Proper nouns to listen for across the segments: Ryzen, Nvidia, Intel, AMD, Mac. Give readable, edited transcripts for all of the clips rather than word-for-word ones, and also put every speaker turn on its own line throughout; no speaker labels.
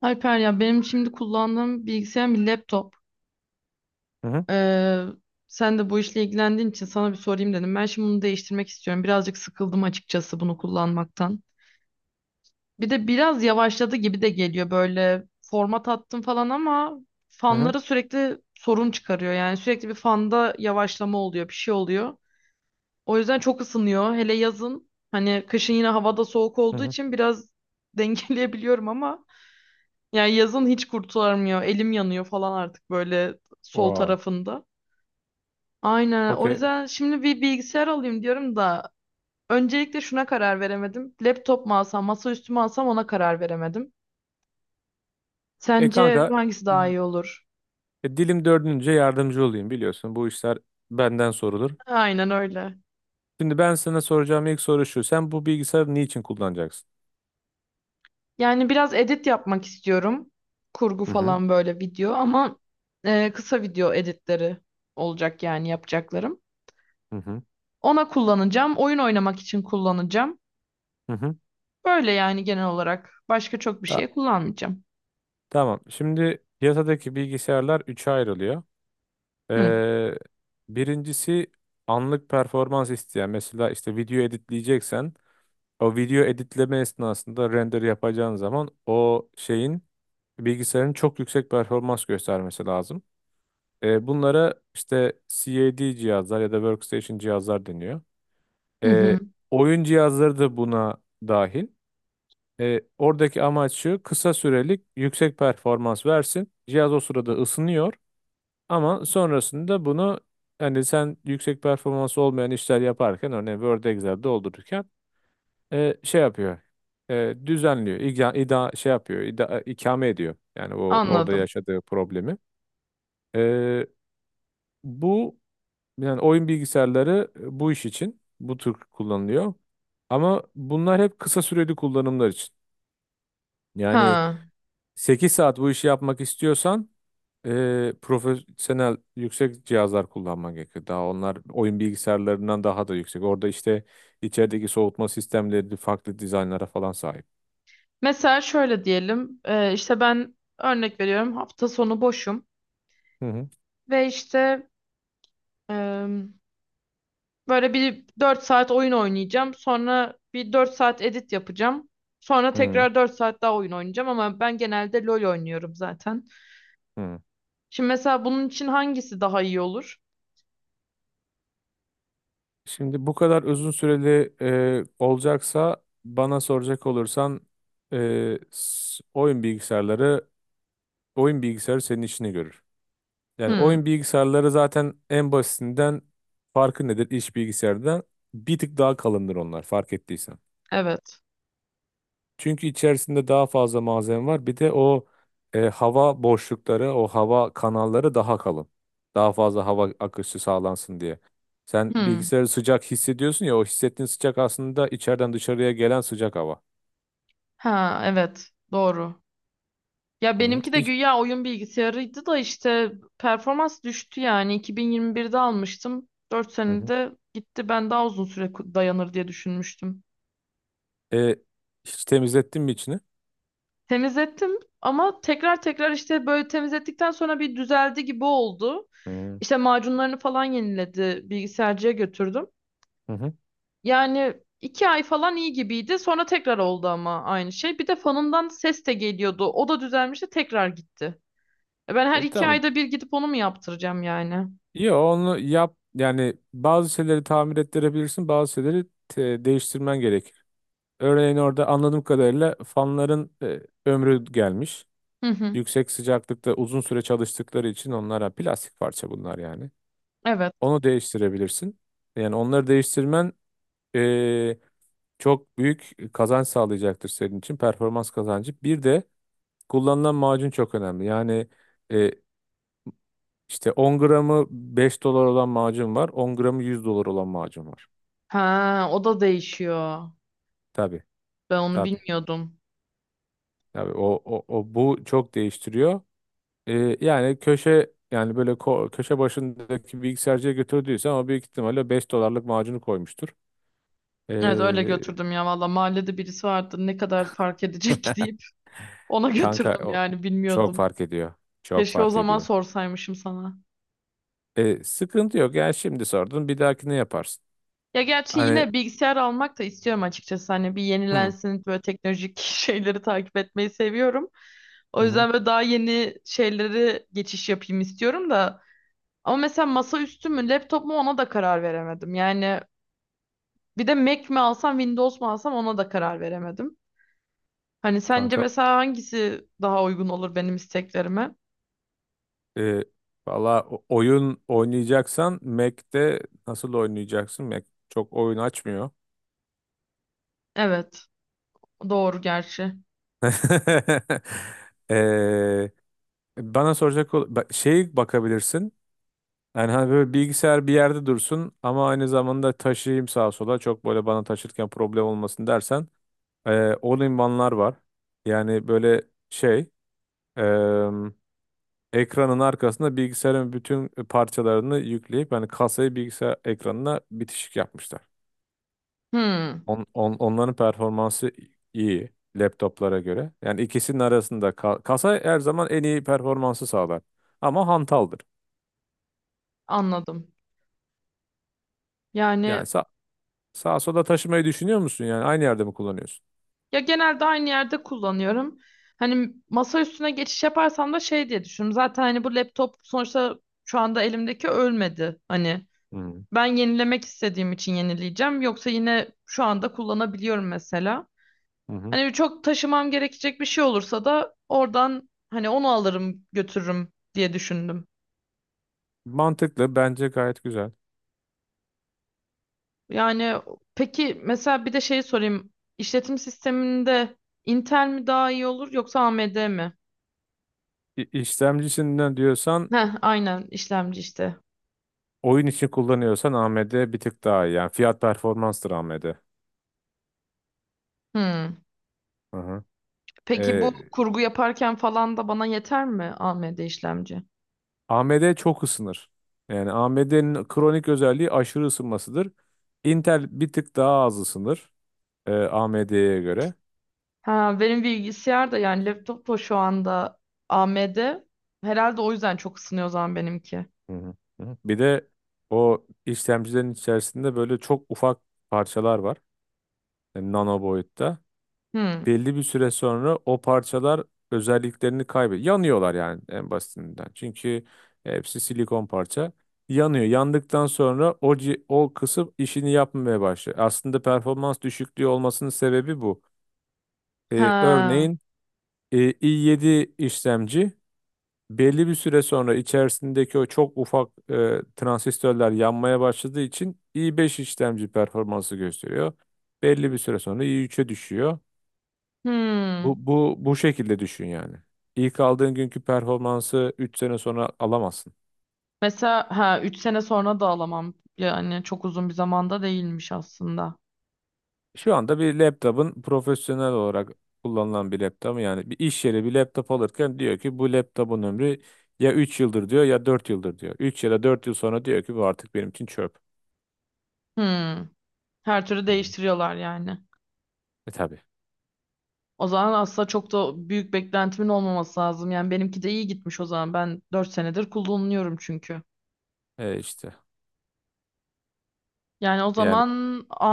Alper ya benim şimdi kullandığım bilgisayarım bir laptop.
Hı hı.
Ee, sen de bu işle ilgilendiğin için sana bir sorayım dedim. Ben şimdi bunu değiştirmek istiyorum. Birazcık sıkıldım açıkçası bunu kullanmaktan. Bir de biraz yavaşladı gibi de geliyor böyle format attım falan ama
Hı hı.
fanları sürekli sorun çıkarıyor. Yani sürekli bir fanda yavaşlama oluyor, bir şey oluyor. O yüzden çok ısınıyor. Hele yazın hani kışın yine havada soğuk
Hı
olduğu
hı.
için biraz dengeleyebiliyorum ama yani yazın hiç kurtulamıyor. Elim yanıyor falan artık böyle sol
Aa,
tarafında. Aynen. O
okey.
yüzden şimdi bir bilgisayar alayım diyorum da öncelikle şuna karar veremedim. Laptop mu alsam, masaüstü mü alsam ona karar veremedim.
E
Sence
kanka
hangisi daha iyi olur?
e, dilim dördünce yardımcı olayım biliyorsun. Bu işler benden sorulur.
Aynen öyle.
Şimdi ben sana soracağım ilk soru şu. Sen bu bilgisayarı niçin kullanacaksın?
Yani biraz edit yapmak istiyorum. Kurgu
Hı hı.
falan böyle video ama kısa video editleri olacak yani yapacaklarım.
Hı hı.
Ona kullanacağım. Oyun oynamak için kullanacağım.
Hı hı.
Böyle yani genel olarak. Başka çok bir
Ta-
şeye kullanmayacağım.
tamam. Şimdi piyasadaki bilgisayarlar üçe ayrılıyor.
Hı.
Ee, Birincisi anlık performans isteyen. Mesela işte video editleyeceksen, o video editleme esnasında render yapacağın zaman o şeyin, bilgisayarın çok yüksek performans göstermesi lazım. Bunlara işte CAD cihazlar ya da workstation cihazlar deniyor.
Hı
E,
hı.
Oyun cihazları da buna dahil. Oradaki amaç şu: kısa sürelik yüksek performans versin. Cihaz o sırada ısınıyor ama sonrasında bunu, hani sen yüksek performans olmayan işler yaparken, örneğin Word Excel doldururken, şey yapıyor. Düzenliyor. Şey yapıyor. İkame ediyor. Yani o orada
Anladım.
yaşadığı problemi. E, Bu, yani oyun bilgisayarları, bu iş için bu tür kullanılıyor. Ama bunlar hep kısa süreli kullanımlar için. Yani
Ha.
8 saat bu işi yapmak istiyorsan, profesyonel yüksek cihazlar kullanman gerekiyor. Daha onlar oyun bilgisayarlarından daha da yüksek. Orada işte içerideki soğutma sistemleri farklı dizaynlara falan sahip.
Mesela şöyle diyelim. İşte ben örnek veriyorum hafta sonu boşum
Hı hı.
ve işte e, böyle bir 4 saat oyun oynayacağım. Sonra bir 4 saat edit yapacağım. Sonra
Hı hı.
tekrar 4 saat daha oyun oynayacağım ama ben genelde LoL oynuyorum zaten.
Hı.
Şimdi mesela bunun için hangisi daha iyi olur?
Şimdi bu kadar uzun süreli olacaksa, bana soracak olursan, oyun bilgisayarları, oyun bilgisayarı senin işini görür. Yani
Hı.
oyun bilgisayarları zaten, en basitinden, farkı nedir iş bilgisayardan? Bir tık daha kalındır onlar, fark ettiysen.
Evet.
Çünkü içerisinde daha fazla malzeme var. Bir de o, hava boşlukları, o hava kanalları daha kalın. Daha fazla hava akışı sağlansın diye. Sen
Hı.
bilgisayarı sıcak hissediyorsun ya, o hissettiğin sıcak aslında içeriden dışarıya gelen sıcak hava.
Ha, evet. Doğru. Ya
Hı hı.
benimki de güya oyun bilgisayarıydı da işte performans düştü yani. 2021'de almıştım. dört
Hı hı.
senede gitti. Ben daha uzun süre dayanır diye düşünmüştüm.
E, Hiç temizlettin mi içini?
Temizlettim ama tekrar tekrar işte böyle temizlettikten sonra bir düzeldi gibi oldu.
Hı
İşte macunlarını falan yeniledi. Bilgisayarcıya götürdüm.
hı. Hı.
Yani 2 ay falan iyi gibiydi. Sonra tekrar oldu ama aynı şey. Bir de fanından ses de geliyordu. O da düzelmişti, tekrar gitti. Ben her
E
iki
tamam.
ayda bir gidip onu mu yaptıracağım yani?
Yo, onu yap. Yani bazı şeyleri tamir ettirebilirsin, bazı şeyleri değiştirmen gerekir. Örneğin orada anladığım kadarıyla fanların ömrü gelmiş.
Hı hı.
Yüksek sıcaklıkta uzun süre çalıştıkları için, onlara plastik parça bunlar yani.
Evet.
Onu değiştirebilirsin. Yani onları değiştirmen eee, çok büyük kazanç sağlayacaktır senin için. Performans kazancı. Bir de kullanılan macun çok önemli. Yani, eee, işte 10 gramı 5 dolar olan macun var, 10 gramı 100 dolar olan macun var.
Ha, o da değişiyor.
Tabii,
Ben onu
tabii.
bilmiyordum.
Tabii o, bu çok değiştiriyor. Yani köşe, yani böyle köşe başındaki bilgisayarcıya götürdüysen, o büyük ihtimalle 5 dolarlık macunu koymuştur.
Evet öyle
Ee,
götürdüm ya, valla mahallede birisi vardı, ne kadar fark edecek ki deyip ona
kanka,
götürdüm
o
yani,
çok
bilmiyordum.
fark ediyor. Çok
Keşke o
fark
zaman
ediyor.
sorsaymışım sana.
Sıkıntı yok. Yani şimdi sordun, bir dahaki ne yaparsın?
Ya gerçi
Hani.
yine bilgisayar almak da istiyorum açıkçası, hani bir
Hı,
yenilensin böyle, teknolojik şeyleri takip etmeyi seviyorum. O
hı, hı.
yüzden böyle daha yeni şeyleri geçiş yapayım istiyorum da. Ama mesela masaüstü mü laptop mu ona da karar veremedim. Yani bir de Mac mi alsam Windows mu alsam ona da karar veremedim. Hani sence
Kanka
mesela hangisi daha uygun olur benim isteklerime?
e, valla oyun oynayacaksan Mac'te nasıl oynayacaksın? Mac çok oyun açmıyor.
Evet, doğru gerçi.
Ee, Bana soracak şey bakabilirsin. Yani hani böyle bilgisayar bir yerde dursun ama aynı zamanda taşıyayım sağa sola, çok böyle bana taşırken problem olmasın dersen, o limanlar var. Yani böyle şey, eee, ekranın arkasında bilgisayarın bütün parçalarını yükleyip, yani kasayı bilgisayar ekranına bitişik yapmışlar.
Hmm,
Onların performansı iyi laptoplara göre. Yani ikisinin arasında, kasa her zaman en iyi performansı sağlar ama hantaldır.
anladım. Yani
Yani sağa sola taşımayı düşünüyor musun, yani aynı yerde mi kullanıyorsun?
ya, genelde aynı yerde kullanıyorum. Hani masa üstüne geçiş yaparsam da şey diye düşünüyorum. Zaten hani bu laptop sonuçta şu anda elimdeki ölmedi. Hani
Hmm.
ben yenilemek istediğim için yenileyeceğim. Yoksa yine şu anda kullanabiliyorum mesela.
Hı hı.
Hani çok taşımam gerekecek bir şey olursa da oradan hani onu alırım götürürüm diye düşündüm.
Mantıklı, bence gayet güzel.
Yani peki, mesela bir de şey sorayım. İşletim sisteminde Intel mi daha iyi olur yoksa AMD mi?
İşlemcisinden diyorsan,
Heh, aynen işlemci işte.
oyun için kullanıyorsan AMD bir tık daha iyi. Yani fiyat performanstır AMD.
Hmm.
Hı hı.
Peki bu
Ee,
kurgu yaparken falan da bana yeter mi AMD işlemci?
AMD çok ısınır. Yani AMD'nin kronik özelliği aşırı ısınmasıdır. Intel bir tık daha az ısınır AMD'ye göre.
Ha, benim bilgisayar da yani laptop da şu anda AMD. Herhalde o yüzden çok ısınıyor o zaman benimki.
Hı hı. Hı hı. Bir de o işlemcilerin içerisinde böyle çok ufak parçalar var. Yani nano boyutta.
Hmm.
Belli bir süre sonra o parçalar özelliklerini kaybediyor. Yanıyorlar yani, en basitinden. Çünkü hepsi silikon parça. Yanıyor. Yandıktan sonra o, o kısım işini yapmamaya başlıyor. Aslında performans düşüklüğü olmasının sebebi bu.
Ha.
Örneğin , i7 işlemci belli bir süre sonra içerisindeki o çok ufak transistörler yanmaya başladığı için i5 işlemci performansı gösteriyor. Belli bir süre sonra i3'e düşüyor.
Hmm.
Bu şekilde düşün yani. İlk aldığın günkü performansı 3 sene sonra alamazsın.
Mesela ha, 3 sene sonra da alamam. Yani çok uzun bir zamanda değilmiş aslında.
Şu anda bir laptopun, profesyonel olarak kullanılan bir laptop, yani bir iş yeri bir laptop alırken diyor ki bu laptopun ömrü ya 3 yıldır diyor ya 4 yıldır diyor. Üç ya da 4 yıl sonra diyor ki bu artık benim için çöp.
Hmm. Her türlü
Hı.
değiştiriyorlar yani.
Tabii.
O zaman aslında çok da büyük beklentimin olmaması lazım. Yani benimki de iyi gitmiş o zaman. Ben 4 senedir kullanıyorum çünkü.
İşte
Yani o
yani.
zaman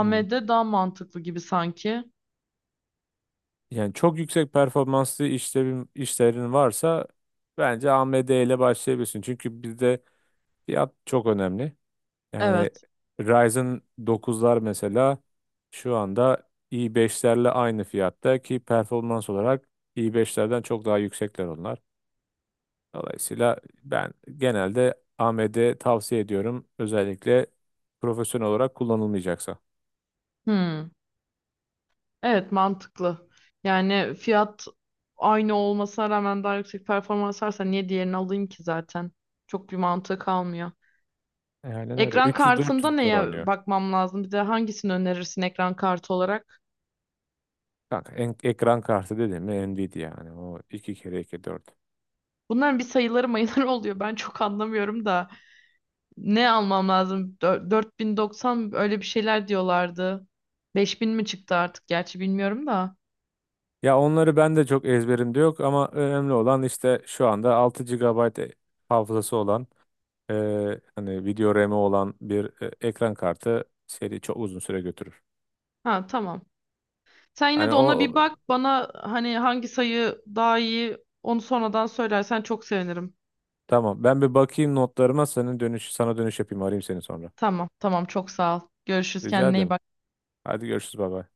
Hı.
daha mantıklı gibi sanki.
Yani çok yüksek performanslı işlerin varsa bence AMD ile başlayabilirsin. Çünkü bizde fiyat çok önemli. Yani
Evet.
Ryzen dokuzlar mesela şu anda i5'lerle aynı fiyatta ki, performans olarak i5'lerden çok daha yüksekler onlar. Dolayısıyla ben genelde AMD tavsiye ediyorum. Özellikle profesyonel olarak kullanılmayacaksa.
Hmm. Evet, mantıklı. Yani fiyat aynı olmasına rağmen daha yüksek performans varsa niye diğerini alayım ki zaten? Çok bir mantığı kalmıyor.
Aynen öyle.
Ekran kartında
300-400 dolar
neye
oynuyor.
bakmam lazım? Bir de hangisini önerirsin ekran kartı olarak?
Kanka, ekran kartı dedim mi Nvidia, yani o 2 kere 2 4.
Bunların bir sayıları mayıları oluyor. Ben çok anlamıyorum da. Ne almam lazım? 4090, öyle bir şeyler diyorlardı. 5000 mi çıktı artık, gerçi bilmiyorum da.
Ya onları ben de çok ezberimde yok ama önemli olan işte şu anda 6 GB hafızası olan, e, hani video RAM'i olan bir ekran kartı seri çok uzun süre götürür.
Ha tamam. Sen yine
Hani
de
o
ona bir
o-
bak. Bana hani hangi sayı daha iyi, onu sonradan söylersen çok sevinirim.
tamam, ben bir bakayım notlarıma, senin dönüş sana dönüş yapayım, arayayım seni sonra.
Tamam tamam, çok sağ ol. Görüşürüz,
Rica
kendine iyi
ederim.
bak.
Hadi görüşürüz baba.